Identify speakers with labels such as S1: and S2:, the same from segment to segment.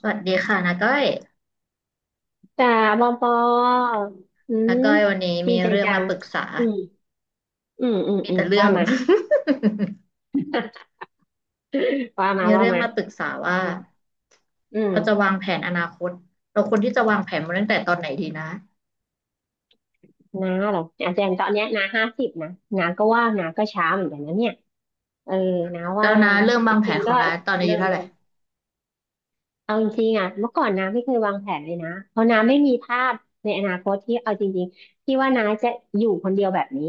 S1: สวัสดีค่ะนาก้อย
S2: จ้าปอปออื
S1: นา
S2: ม
S1: ก้อยวันนี้
S2: ดี
S1: มี
S2: ใจ
S1: เรื่อง
S2: จั
S1: มา
S2: ง
S1: ปรึกษา
S2: อืมอืมอืม
S1: มี
S2: อืม
S1: แต่เรื่อ
S2: ว่า
S1: ง
S2: มา ว่ามา
S1: มี
S2: ว่า
S1: เรื่อง
S2: มา
S1: มาปรึกษาว่า
S2: อืมอืม
S1: เราจะวางแผนอนาคตเราควรที่จะวางแผนมาตั้งแต่ตอนไหนดีนะ
S2: น้าเหรออาจารย์ตอนเนี้ยน้า50นะน้าก็ว่าน้าก็ช้าเหมือนกันนะเนี่ยเออน้า
S1: แล้
S2: ว่า
S1: วนาเริ่ม
S2: จ
S1: วางแผ
S2: ริ
S1: น
S2: ง
S1: ข
S2: ๆ
S1: อ
S2: ก็
S1: งนาตอนอายุ
S2: เริ่ม
S1: เท่าไห
S2: ได้
S1: ร่
S2: เอาจริงๆอ่ะเมื่อก่อนน้าไม่เคยวางแผนเลยนะเพราะน้าไม่มีภาพในอนาคตที่เอาจริงๆที่ว่าน้าจะอยู่คนเดียวแบบนี้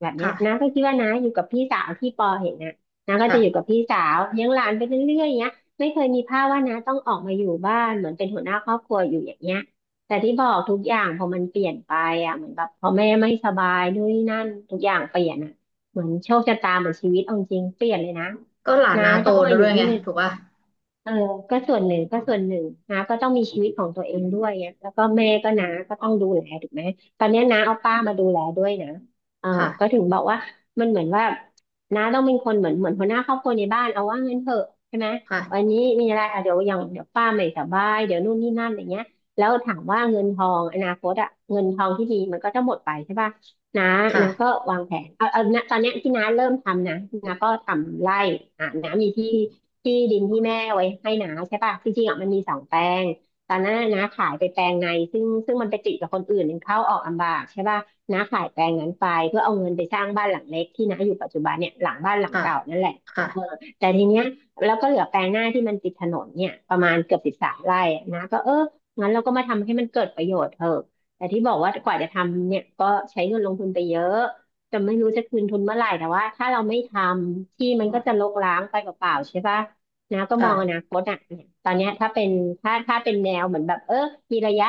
S2: แบบเนี้ยน้าก็
S1: ค่ะ
S2: คิดว่าน้าอยู่กับพี่สาวที่ปอเห็นนะน้าก็จะอยู่กับ
S1: ค่ะ
S2: พี่สาวเลี้ยงหลานไปเรื่อยๆเงี้ยไม่เคยมีภาพว่าน้าต้องออกมาอยู่บ้านเหมือนเป็นหัวหน้าครอบครัวอยู่อย่างเงี้ยแต่ที่บอกทุกอย่างพอมันเปลี่ยนไปอ่ะเหมือนแบบพอแม่ไม่สบายด้วยนนนี่นั่นทุกอย่างเปลี่ยนอ่ะเหมือนโชคชะตาเหมือนชีวิตเอาจริงเปลี่ยนเลยนะ
S1: ก็หลาน
S2: น้า
S1: นาโต
S2: ต้องมาอ
S1: ด้
S2: ยู่
S1: วย
S2: ที่
S1: ไงถูกป่ะ
S2: เออก็ส่วนหนึ่งก็ส่วนหนึ่งน้าก็ต้องมีชีวิตของตัวเองด้วยเนี่ยแล้วก็แม่ก็น้าก็ต้องดูแลถูกไหมตอนเนี้ยน้าเอาป้ามาดูแลด้วยนะเออก็
S1: ค่ะ
S2: ถึงบอกว่ามันเหมือนว่าน้าต้องเป็นคนเหมือนหัวหน้าครอบครัวในบ้านเอาว่างั้นเถอะใช่ไหมวัน
S1: ค่ะ
S2: นี้มีอะไรอ่ะเดี๋ยวอย่างเดี๋ยวป้าไม่สบายเดี๋ยวนู่นนี่นั่นอย่างเงี้ยแล้วถามว่าเงินทองอนาคตอะเงินทองที่ดีมันก็จะหมดไปใช่ป่ะน้าน้าก็
S1: ค่ะ
S2: วางแผนเอาณตอนเนี้ยที่น้าเริ่มทำนะน้าก็ทำไร่อ่ะน้ามีที่ ที่ดินที่แม่ไว้ให้นาใช่ป่ะจริงๆอ่ะมันมี2 แปลงตอนนั้นน่ะน้าขายไปแปลงในซึ่งมันไปติดกับคนอื่นมันเข้าออกลำบากใช่ป่ะน้าขายแปลงนั้นไปเพื่อเอาเงินไปสร้างบ้านหลังเล็กที่น้าอยู่ปัจจุบันเนี่ยหลังบ้านหลัง
S1: ค่ะ
S2: เก่านั่นแหละเออ
S1: ค่ะ
S2: แต่ทีเนี้ยแล้วก็เหลือแปลงหน้าที่มันติดถนนเนี่ยประมาณเกือบ13ไร่อะนะก็เอองั้นเราก็มาทำให้มันเกิดประโยชน์เถอะแต่ที่บอกว่ากว่าจะทำเนี่ยก็ใช้เงินลงทุนไปเยอะจะไม่รู้จะคืนทุนเมื่อไหร่แต่ว่าถ้าเราไม่ทำที่มันก็จะรกร้างไปเปล่าๆใช่ปะ นะก็ม
S1: ค่ะ
S2: องอนา
S1: ค่ะ
S2: คตอ่ะเนี่ยตอนเนี้ยถ้าเป็นถ้าเป็นแนวเหมือนแบบเออมีระยะ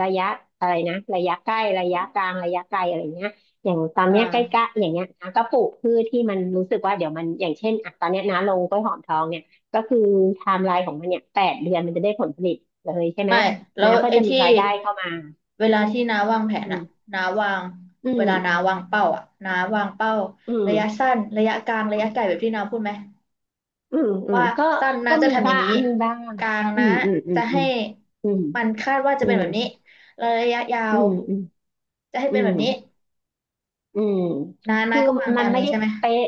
S2: ระยะอะไรนะระยะใกล้ระยะกลางระยะไกลอะไรเงี้ยอย่างตอน
S1: อ
S2: เนี้ยใก
S1: ่า
S2: ล้ๆอย่างเงี้ยนะก็ปลูกพืชที่มันรู้สึกว่าเดี๋ยวมันอย่างเช่นอ่ะตอนเนี้ยนะลงกล้วยหอมทองเนี่ยก็คือไทม์ไลน์ของมันเนี่ย8 เดือนมันจะได้ผลผลิตเลยใช่ไหม
S1: ไม่แล้
S2: นะ
S1: ว
S2: ก็
S1: ไอ้
S2: จะมี
S1: ที่
S2: รายได้เข้ามา
S1: เวลาที่น้าวางแผน
S2: อื
S1: อะ
S2: ม
S1: น้าวาง
S2: อื
S1: เว
S2: ม
S1: ลาน้าวางเป้าอะน้าวางเป้า
S2: อืม
S1: ระยะสั้นระยะกลางระยะไกลแบบที่น้าพูดไหม
S2: อืมอืม
S1: ว่า
S2: ก็
S1: สั้นน้า
S2: ก็
S1: จะ
S2: มี
S1: ทำอ
S2: บ้า
S1: ย่าง
S2: ง
S1: นี้
S2: มีบ้าง
S1: กลาง
S2: อื
S1: นะ
S2: มอืมอื
S1: จะ
S2: มอื
S1: ให้
S2: ม
S1: มันคาดว่าจะ
S2: อื
S1: เป็น
S2: ม
S1: แบบนี้แล้วระยะยา
S2: อื
S1: ว
S2: มอืม
S1: จะให้
S2: อื
S1: เป็น
S2: ม
S1: แบบ
S2: อื
S1: นี้
S2: ม อืม
S1: น้า
S2: คือ
S1: ก็วาง
S2: มั
S1: ตา
S2: น
S1: ม
S2: ไม่
S1: นี้
S2: ได้
S1: ใช่ไหม
S2: เป๊ะ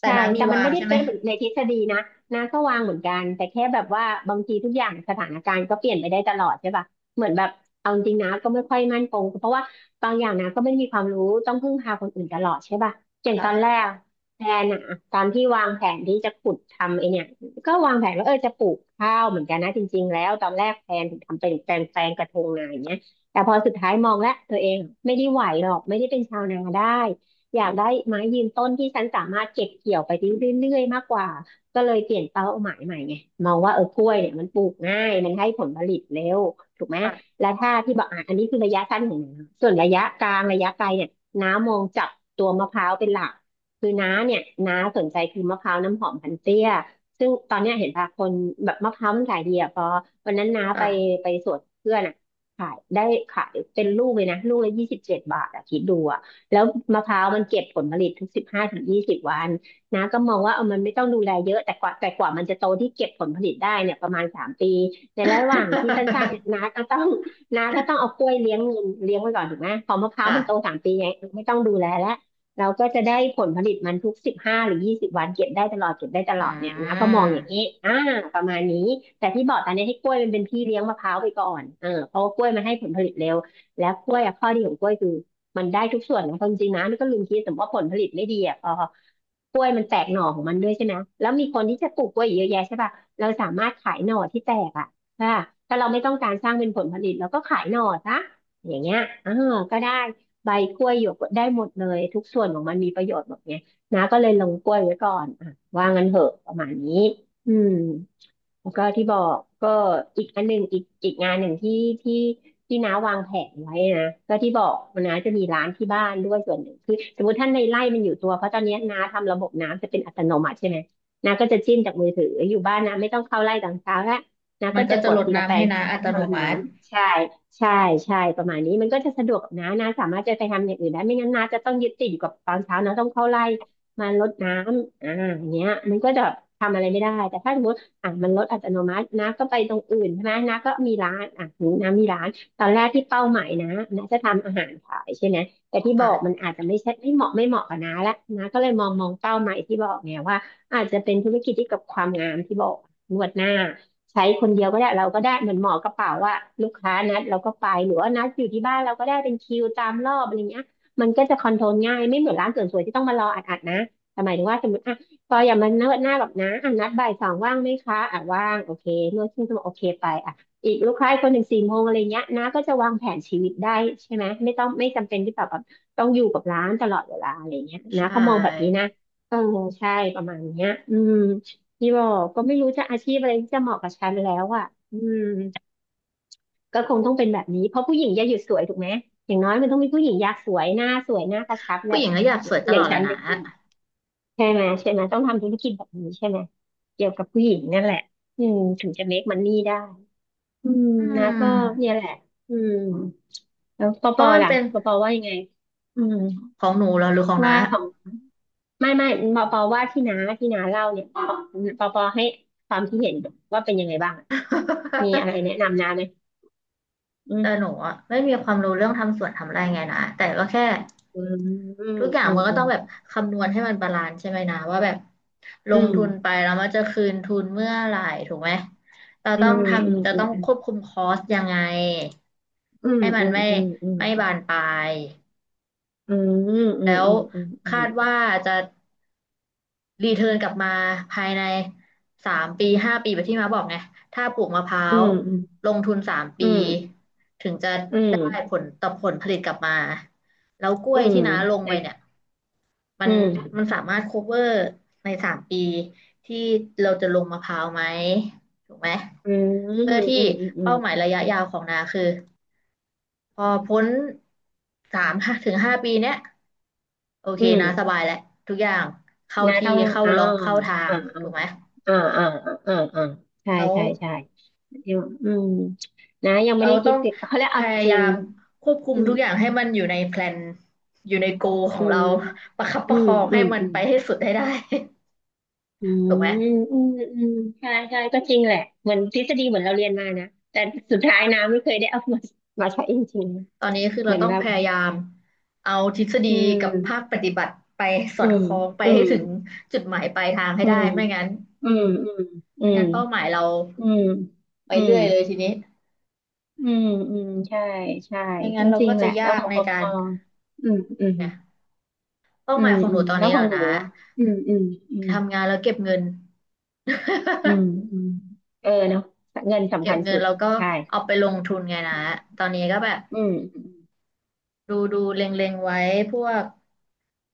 S1: แต่
S2: ใช่
S1: น้ามี
S2: แต่มัน
S1: วาง
S2: ไม่ได้
S1: ใช่ไหม
S2: เป๊ะเหมือนในทฤษฎีนะนะก็วางเหมือนกันแต่แค่แบบว่าบางทีทุกอย่างสถานการณ์ก็เปลี่ยนไปได้ตลอดใช่ป่ะเหมือนแบบเอาจริงนะก็ไม่ค่อยมั่นคงเพราะว่าบางอย่างนะก็ไม่มีความรู้ต้องพึ่งพาคนอื่นตลอดใช่ป่ะอย่างตอนแร
S1: ค่ะ
S2: กแพลนอะตอนที่วางแผนที่จะขุดทำไอเนี่ยก็วางแผนว่าเออจะปลูกข้าวเหมือนกันนะจริงๆแล้วตอนแรกแพลนถึงทำเป็นแปลงแปลงกระทงนาอย่างเงี้ยแต่พอสุดท้ายมองแล้วตัวเอง ไม่ได้ไหวหรอกไม่ได้เป็นชาวนาได้อยากได้ไม้ยืนต้นที่ฉันสามารถเก็บเกี่ยวไปได้เรื่อยๆมากกว่าก็เลยเปลี่ยนเป้าหมายใหม่ไงมองว่าเออกล้วยเนี่ยมันปลูกง่ายมันให้ผลผลิตเร็วถูกไหม
S1: อ่ะ
S2: และถ้าที่บอกอ่ะอันนี้คือระยะสั้นของน้าส่วนระยะกลางระยะไกลเนี่ยน้ามองจับตัวมะพร้าวเป็นหลักคือน้าเนี่ยน้าสนใจคือมะพร้าวน้ำหอมพันเตี้ยซึ่งตอนเนี้ยเห็นป่ะคนแบบมะพร้าวมันขายดีอ่ะพอวันนั้นน้าไป
S1: อ่ะ
S2: ไปสวนเพื่อนอ่ะ ขายได้ขายเป็นลูกเลยนะลูกละ27 บาทอะคิดดูอะแล้วมะพร้าวมันเก็บผลผลิตทุก15-20 วันนะก็มองว่าเออมันไม่ต้องดูแลเยอะแต่กว่ามันจะโตที่เก็บผลผลิตได้เนี่ยประมาณสามปีในระหว่างที่สั้นๆเนี่ยน้าก็ต้องเอากล้วยเลี้ยงเงินเลี้ยงไว้ก่อนถูกไหมพอมะพ ร้าว
S1: อ่ะ
S2: มันโตสามปีไงไม่ต้องดูแลแล้ว เราก็จะได้ผลผลิตมันทุก15 หรือ 20 วันเก็บได้ตลอดเก็บได้ตล
S1: อ่
S2: อดเนี่ยนะก็
S1: า
S2: มองอย่างนี้อ่าประมาณนี้แต่ที่บอกตอนนี้ให้กล้วยมันเป็นพี่เลี้ยงมะพร้าวไปก่อนเออเพราะว่ากล้วยมันให้ผลผลิตเร็วแล้วกล้วยอะข้อดีของกล้วยคือมันได้ทุกส่วนนะความจริงนะนี่ก็ลืมคิดสมมติว่าผลผลิตไม่ดีอ่ะพอกล้วยมันแตกหน่อของมันด้วยใช่ไหมแล้วมีคนที่จะปลูกกล้วยเยอะแยะใช่ป่ะเราสามารถขายหน่อที่แตกอ่ะถ้าถ้าเราไม่ต้องการสร้างเป็นผลผลิตเราก็ขายหน่อซะอย่างเงี้ยอ่าก็ได้ ใบกล้วยหยวกได้หมดเลยทุกส่วนของมันมีประโยชน์หมดไงนะาก็เลยลงกล้วยไว้ก่อนอ่ะว่างั้นเหอะประมาณนี้อืม แล้วก็ที่บอกก็อีกอันหนึ่งอีกงานหนึ่งที่ที่น้าวางแผนไว้นะก็ที่บอกว่าน้าจะมีร้านที่บ้านด้วยส่วนหนึ่งคือสมมติท่านในไร่มันอยู่ตัวเพราะตอนนี้น้าทำระบบน้ำจะเป็นอัตโนมัติใช่ไหมน้าก็จะจิ้มจากมือถืออยู่บ้านน้าไม่ต้องเข้าไร่ตอนเช้าละน้า
S1: มั
S2: ก็
S1: นก็
S2: จะ
S1: จะ
S2: กด
S1: ลด
S2: ทีละแป
S1: น้ำ
S2: ล
S1: ให้
S2: งที
S1: น้า
S2: ละแปล
S1: อั
S2: ง
S1: ต
S2: ให้
S1: โน
S2: มันรดน้
S1: มัติ
S2: ำใช่ใช่ใช่ประมาณนี้มันก็จะสะดวกกับน้าน้าสามารถจะไปทำอย่างอื่นได้ไม่งั้นน้าจะต้องยึดติดอยู่กับตอนเช้าน้าต้องเข้าไร่มารดน้ำอ่าอย่างเงี้ยมันก็จะทำอะไรไม่ได้แต่ถ้าสมมติ อ่ะมันลดอัตโนมัตินะก็ไปตรงอื่นใช่ไหมน้าก็มีร้านอ่ะน้ามีร้านตอนแรกที่เป้าหมายนะน้าจะทำอาหารขายใช่ไหมแต่ที่บอกมัน
S1: ค่ะ
S2: อาจจะไม่ใช่ไม่เหมาะกับน้าละน้าก็เลยมองเป้าหมายที่บอกไงว่าอาจจะเป็นธุรกิจที่กับความงามที่บอกนวดหน้าใช้คนเดียวก็ได้เราก็ได้เหมือนหมอกระเป๋าว่าลูกค้านัดเราก็ไปหรือว่านัดอยู่ที่บ้านเราก็ได้เป็นคิวตามรอบอะไรเงี้ยมันก็จะคอนโทรลง่ายไม่เหมือนร้านเสริมสวยที่ต้องมารออัดๆนะหมายถึงว่าสมมติ พออย่ามาเนิร์ดหน้าแบบนะอ่ะนัดบ่ายสองว่างไหมคะอ่ะว่างโอเคนวดครึ่งชั่วโมงโอเคไปอ่ะอีกลูกค้าอีกคนหนึ่งสี่โมงอะไรเงี้ยนะก็จะวางแผนชีวิตได้ใช่ไหมไม่ต้องไม่จำเป็นที่แบบว่าต้องอยู่กับร้านตลอดเวลาอะไรเงี้ย
S1: ใช
S2: นะก็มองแบบนี้
S1: ่
S2: นะเออใช่ประมาณเนี้ยอืมพี่บอกก็ไม่รู้จะอาชีพอะไรที่จะเหมาะกับฉันแล้วอ่ะอืมก็คงต้องเป็นแบบนี้เพราะผู้หญิงอย่าหยุดสวยถูกไหมอย่างน้อยมันต้องมีผู้หญิงอยากสวยหน้าสวยหน้ากระชับแห
S1: ผู้ห
S2: ละ
S1: ญิงก็อยากสวยต
S2: อ
S1: ล
S2: ย่า
S1: อ
S2: ง
S1: ดแห
S2: ฉั
S1: ละ
S2: น
S1: นะ
S2: ใช่ไหมใช่ไหมต้องทำธุรกิจแบบนี้ใช่ไหมเกี่ยวกับผู้หญิงนั่นแหละอืมถึงจะ make money ได้อืม
S1: อื
S2: นะก็เนี่
S1: ม
S2: ยแหละอืมแล้วปอ
S1: เพ
S2: ปอ
S1: ราะมัน
S2: ล่ะ
S1: เป็น
S2: ปอปอว่ายังไงอืม
S1: ของหนูเหรอหรือของน้า
S2: ว่าของไม่ปอปอว่าที่น้าเล่าเนี่ยปอปอให้ความคิดเห็นว่าเป็นยังไงบ้างอะมีอะไรแนะ นำน้าไหมอื
S1: แต่
S2: ม
S1: หนูอะไม่มีความรู้เรื่องทำสวนทำไร่ไงนะแต่ก็แค่
S2: อืมอื
S1: ทุกอย่าง
S2: ม
S1: มันก็
S2: อื
S1: ต้อ
S2: ม
S1: งแบบคำนวณให้มันบาลานซ์ใช่ไหมนะว่าแบบล
S2: อื
S1: ง
S2: ม
S1: ทุนไปแล้วมันจะคืนทุนเมื่อไหร่ถูกไหมเรา
S2: อื
S1: ต้อ
S2: ม
S1: ง
S2: อืม
S1: ทำจะ
S2: อ
S1: ต้อง
S2: ื
S1: ค
S2: ม
S1: วบคุมคอสยังไง
S2: อืม
S1: ให้มั
S2: อื
S1: น
S2: ม
S1: ไม่
S2: อืม
S1: ไม่บานปลาย
S2: อืมอืมอื
S1: แล้
S2: ม
S1: ว
S2: อืมอื
S1: คาดว่า
S2: ม
S1: จะ รีเทิร์นกลับมาภายใน3 ปี 5 ปีแบบที่มาบอกไงถ้าปลูกมะพร้า
S2: อื
S1: ว
S2: มอืม
S1: ลงทุนสาม
S2: อื
S1: ปี
S2: มอืมอืม
S1: ถึงจะ
S2: อื
S1: ได้ผ
S2: ม
S1: ลต่อผลผลิตกลับมาแล้วกล้ว
S2: อื
S1: ย
S2: ม
S1: ที่น้าลง
S2: แต่
S1: ไปเนี่ยมั
S2: อื
S1: นมั
S2: ม
S1: นสามารถ cover ใน3 ปีที่เราจะลงมะพร้าวไหมถูกไหม
S2: อืม
S1: เพื่อที่
S2: อืมอืม
S1: เป้าหมา
S2: อื
S1: ย
S2: ม
S1: ระยะยาวของนาคือ พอพ้น3 ถึง 5 ปีเนี้ยโอเค
S2: อืม
S1: นะสบายแหละทุกอย่างเข้า
S2: นะ
S1: ที่
S2: ต้อง
S1: เข้า
S2: อ่า
S1: ล็อกเข้าทาง
S2: อ่าอ่า
S1: ถูกไหม
S2: อ่าอ่าอ่าอ่าใช่
S1: แล้ว
S2: ใช่ใช่ยังอืมนะยังไม่
S1: เรา
S2: ได้
S1: ต้
S2: คิ
S1: อ
S2: ด
S1: ง
S2: ติดเขาเรียก
S1: พ
S2: เอา
S1: ยา
S2: จ
S1: ยา
S2: ริง
S1: มควบคุม
S2: อืม
S1: ทุกอย่างให้มันอยู่ในแพลนอยู่ในโกขอ
S2: อื
S1: งเรา
S2: ม
S1: ประคับป
S2: อื
S1: ระค
S2: ม
S1: อง
S2: อื
S1: ให้
S2: ม
S1: มัน
S2: อืม
S1: ไปให้สุดให้ได้
S2: อื
S1: ถูกไหม
S2: มอืมอืมใช่ใช่ก็จริงแหละเหมือนทฤษฎีเหมือนเราเรียนมานะแต่สุดท้ายนำไม่เคยได้เอามามาใช้จริง
S1: ตอนนี้คือ
S2: ๆเห
S1: เรา
S2: มือน
S1: ต้อง
S2: แบ
S1: พ
S2: บ
S1: ยายามเอาทฤษฎี
S2: อื
S1: กับภา
S2: ม
S1: คปฏิบัติไปสอ
S2: อื
S1: ดค
S2: ม
S1: ล้องไป
S2: อื
S1: ให้
S2: ม
S1: ถึงจุดหมายปลายทางให้
S2: อื
S1: ได้
S2: ม
S1: ไม่งั้น
S2: อืมอื
S1: ไม่
S2: ม
S1: งั้นเป้าหมายเรา
S2: อืม อืม
S1: ไป
S2: อืม
S1: เรื่อยเลยทีนี้
S2: อืมอืมใช่ ใช่
S1: ไม่
S2: ก็
S1: งั้นเรา
S2: จริ
S1: ก็
S2: งแห
S1: จะ
S2: ละ แล้ว
S1: ยา
S2: ข
S1: ก
S2: อง
S1: ใน
S2: ปอป
S1: การ
S2: ออืมอืม
S1: เนี่ยเป้า
S2: อื
S1: หมา
S2: ม
S1: ยของห
S2: อื
S1: นู
S2: ม
S1: ตอน
S2: แล้ว
S1: นี้
S2: ข
S1: เหร
S2: อง
S1: อ
S2: หนู
S1: นะ
S2: อ่ะอืมอืมอืม
S1: ทำงานแล้วเก็บเงิน
S2: อืม อืมเออเนาะเงินสำ
S1: เก็
S2: คั
S1: บ
S2: ญ
S1: เงิ
S2: สุ
S1: น
S2: ด
S1: แล้วก็
S2: ใช่
S1: เอาไปลงทุนไงนะตอนนี้ก็แบบ
S2: อืมอม
S1: ดูเล็งๆไว้พวก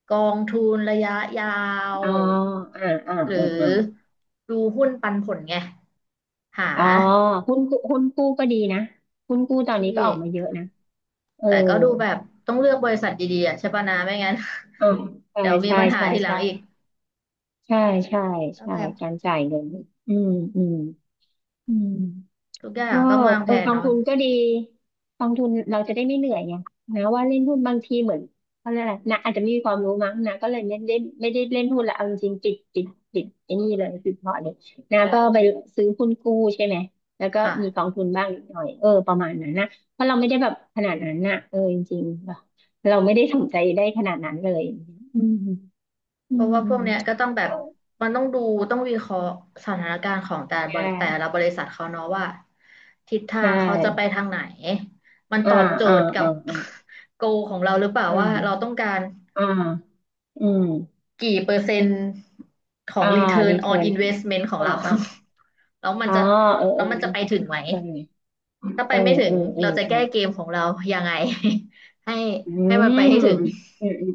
S1: กองทุนระยะยาว
S2: อ๋ออ่าอ่า
S1: หรื
S2: อ่าอ่า
S1: อดูหุ้นปันผลไงหา
S2: อ๋อหุ้นกู้หุ้นกู้ก็ดีนะหุ้นกู้ตอนนี้ก็
S1: ที่
S2: ออกมาเยอะนะเออ
S1: แต่ก็ดูแบบต้องเลือกบริษัทดีๆอะใช่ปะนะไม่งั้น
S2: อ๋อ ใช่
S1: เดี๋ยวมี
S2: ใช่
S1: ปัญหา
S2: ใช่
S1: ทีหลัง
S2: ใช่
S1: อีก
S2: ใช่ใช่
S1: ก็
S2: ใช่
S1: แบบ
S2: การจ่ายเงิน อืมอืมอืม
S1: ทุกอย่า
S2: ก็
S1: งต้องวาง
S2: เอ
S1: แผ
S2: อ
S1: น
S2: กอง
S1: เนาะ
S2: ทุนก็ดีกองทุนเราจะได้ไม่เหนื่อยไงนะว่าเล่นหุ้นบางทีเหมือนเขาเรียกอะไรนะอาจจะไม่มีความรู้มั้งนะก็เลยไม่ได้เล่นหุ้นละเอาจริงๆปิดไอ้นี่เลยปิดพอร์ตเลยนะก็ไปซื้อหุ้นกู้ใช่ไหมแล้วก็มีกอ
S1: ค่ะ
S2: งทุนบ้างนิดหน่อยเออประมาณนั้นนะเพราะเราไม่ได้แบบขนาดนั้นนะเออจริงๆเราไม่ได้สนใจได้ขนาดนั้นเลยอืมอื
S1: เพราะ
S2: ม
S1: ว่าพวกเนี้ยก็ต้องแบบมันต้องดูต้องวิเคราะห์สถานการณ์ของแต่ละ
S2: ใช
S1: บริแต่ละ
S2: ่
S1: บริษัทเขาเนาะว่าทิศทา
S2: ใช่
S1: งเขาจะไปทางไหนมันต
S2: อ่า
S1: อบโจ
S2: อ่า
S1: ทย์กับ
S2: อ่า
S1: โกของเราหรือเปล่า
S2: อ่
S1: ว่าเราต้
S2: า
S1: องการ
S2: อ่าอาอืม
S1: กี่เปอร์เซ็นต์ของ
S2: อ่า
S1: Return
S2: รีเทิ
S1: on
S2: ร์น
S1: Investment ของ
S2: อ่า
S1: เรา
S2: อ่า
S1: แล้วมัน
S2: อ่า
S1: จะ
S2: เออ
S1: แล้
S2: เอ
S1: ว
S2: อ
S1: มันจะไปถึงไหมถ้าไป
S2: เออ
S1: ไม่ถึ
S2: เอ
S1: ง
S2: อเออ
S1: เราจะ
S2: เออเออ
S1: แก้เกมของเรายังไง ให้
S2: อื
S1: ให้มัน
S2: ม
S1: ไปให้ถึง
S2: อืมอืม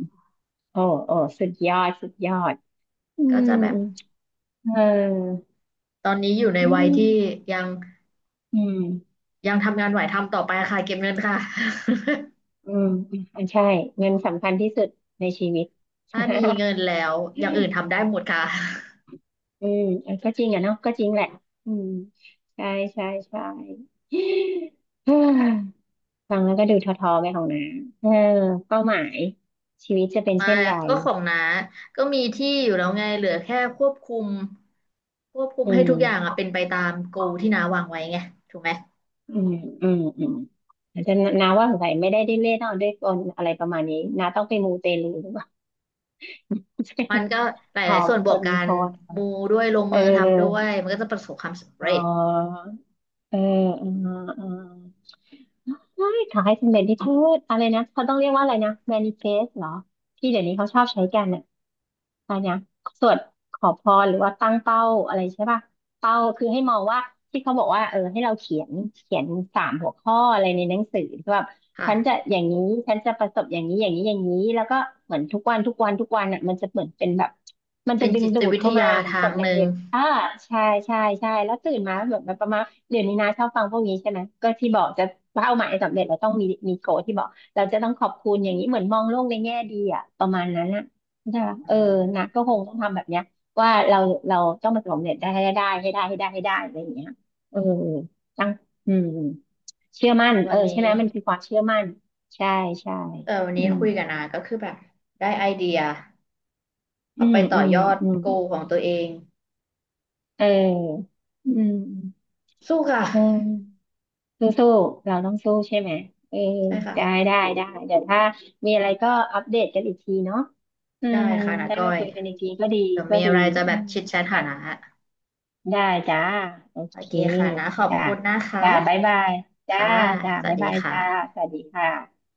S2: โอ้โอ้สุดยอดสุดยอดอื
S1: ก็
S2: ม
S1: จะแบบ
S2: เออ
S1: ตอนนี้อยู่ใน
S2: อื
S1: วัย
S2: ม
S1: ที่ยัง
S2: อืม
S1: ยังทำงานไหวทำต่อไปค่ะเก็บเงินค่ะ
S2: อืมอ่มใช่เงินสำคัญที่สุดในชีวิต
S1: ถ้ามีเงินแล้วอย่างอื่นทำได้หมดค่ะ
S2: อืมเออก็จริงอ่ะเนาะก็จริงแหละอืมใช่ใช่ใช่เฮ้ยฟังแล้วก็ดูท้อๆไปของน้าเออเป้าหมายชีวิตจะเป็นเช่
S1: มา
S2: นไร
S1: ก็ของน้าก็มีที่อยู่แล้วไงเหลือแค่ควบคุม
S2: อื
S1: ให้ทุกอย่างอะ
S2: ม
S1: เป็นไปตามโกที่น้าวางไว้ไงถูกไหม
S2: อืมอืมอืมอาจจะนาว่าสงสัยไม่ได้ไดิ้นเล่นเอาด้วยกลอะไรประมาณนี้นาต้องไปมูเตลูหรือเปล่า
S1: มันก็ห
S2: หอ
S1: ลายๆ
S2: ม
S1: ส่วนบ
S2: ค
S1: วก
S2: น
S1: กั
S2: มันพ
S1: น
S2: อนะ
S1: มูด้วยลง
S2: เออ
S1: มือทำด้วยมันก็จะประสบความสำ
S2: อ๋อ
S1: เร็จ
S2: เออเออเออใช่ขายสำเร็จที่เธออะไรนะเขาต้องเรียกว่าอะไรนะแมนิเฟสเหรอที่เดี๋ยวนี้เขาชอบใช้กันอ่ะอะไรนะสวดขอพรหรือว่าตั้งเป้าอะไรใช่ป่ะ เป้าคือให้มองว่าที่เขาบอกว่าเออให้เราเขียนสามหัวข้ออะไรในหนังสือที่แบบฉันจะ
S1: ค่ะ
S2: อย่างนี้ฉันจะประสบอย่างนี้อย่างนี้อย่างนี้แล้วก็เหมือนทุกวันทุกวันทุกวันอ่ะมันจะเหมือนเป็นแบบมันจะ
S1: เป็น
S2: ดึง
S1: จิ
S2: ดู
S1: ต
S2: ด
S1: วิท
S2: เข้ามา
S1: ยา
S2: เหมือน
S1: ทา
S2: ก
S1: ง
S2: ดแร
S1: ห
S2: ง
S1: นึ่
S2: เห
S1: ง
S2: ล็กอ่าใช่ใช่ใช่แล้วตื่นมาเหมือนแบบประมาณเดี๋ยวนี้นะชอบฟังพวกนี้ใช่ไหมก็ที่บอกจะเป้าหมายสำเร็จเราต้องมีโกที่บอกเราจะต้องขอบคุณอย่างนี้เหมือนมองโลกในแง่ดีอ่ะประมาณนั้นอ่ะใช่ปะ
S1: อื
S2: เออ
S1: ม
S2: นะก็คงต้องทำแบบเนี้ย ว่าเราต้องมาสำเร็จได้ให้ได้ให้ได้ให้ได้ให้ได้อะไรอย่างเงี้ยเออตั้งอืมเชื่อมั่น
S1: วั
S2: เออ
S1: น
S2: ใช่
S1: นี้
S2: ไหมมันคือความเชื่อมั่นใช่ใช่
S1: เออวัน
S2: อื
S1: นี้
S2: ม
S1: คุยกับนาก็คือแบบได้ไอเดีย
S2: อื
S1: เอาไป
S2: ม
S1: ต่อ
S2: อืม
S1: ยอด
S2: อืม
S1: โกของตัวเอง
S2: เอออืม
S1: สู้ค่ะ
S2: อืมสู้สู้เราต้องสู้ใช่ไหมเออ
S1: ใช่ค่ะ
S2: ได้ได้ได้เดี๋ยวถ้ามีอะไรก็อัปเดตกันอีกทีเนาะอื
S1: ได้
S2: ม
S1: ค่ะนา
S2: ได้
S1: ก้อ
S2: มา
S1: ย
S2: คุยกันอีกทีก็ดี
S1: เดี๋ยว
S2: ก็
S1: มี
S2: ดี
S1: อะไรจะ
S2: อื
S1: แบบ
S2: ม
S1: ชิดแชทหา
S2: จ้ะ
S1: นะ
S2: ได้จ้า โอ
S1: โอ
S2: เค
S1: เคค่ะนะขอบ
S2: จ้า
S1: คุณนะคะ
S2: จ้าบ๊ายบายจ้า
S1: ค่ะ
S2: จ้า
S1: สวั
S2: บ๊า
S1: ส
S2: ย
S1: ดี
S2: บาย
S1: ค่ะ
S2: จ้า สวัสดีค่ะ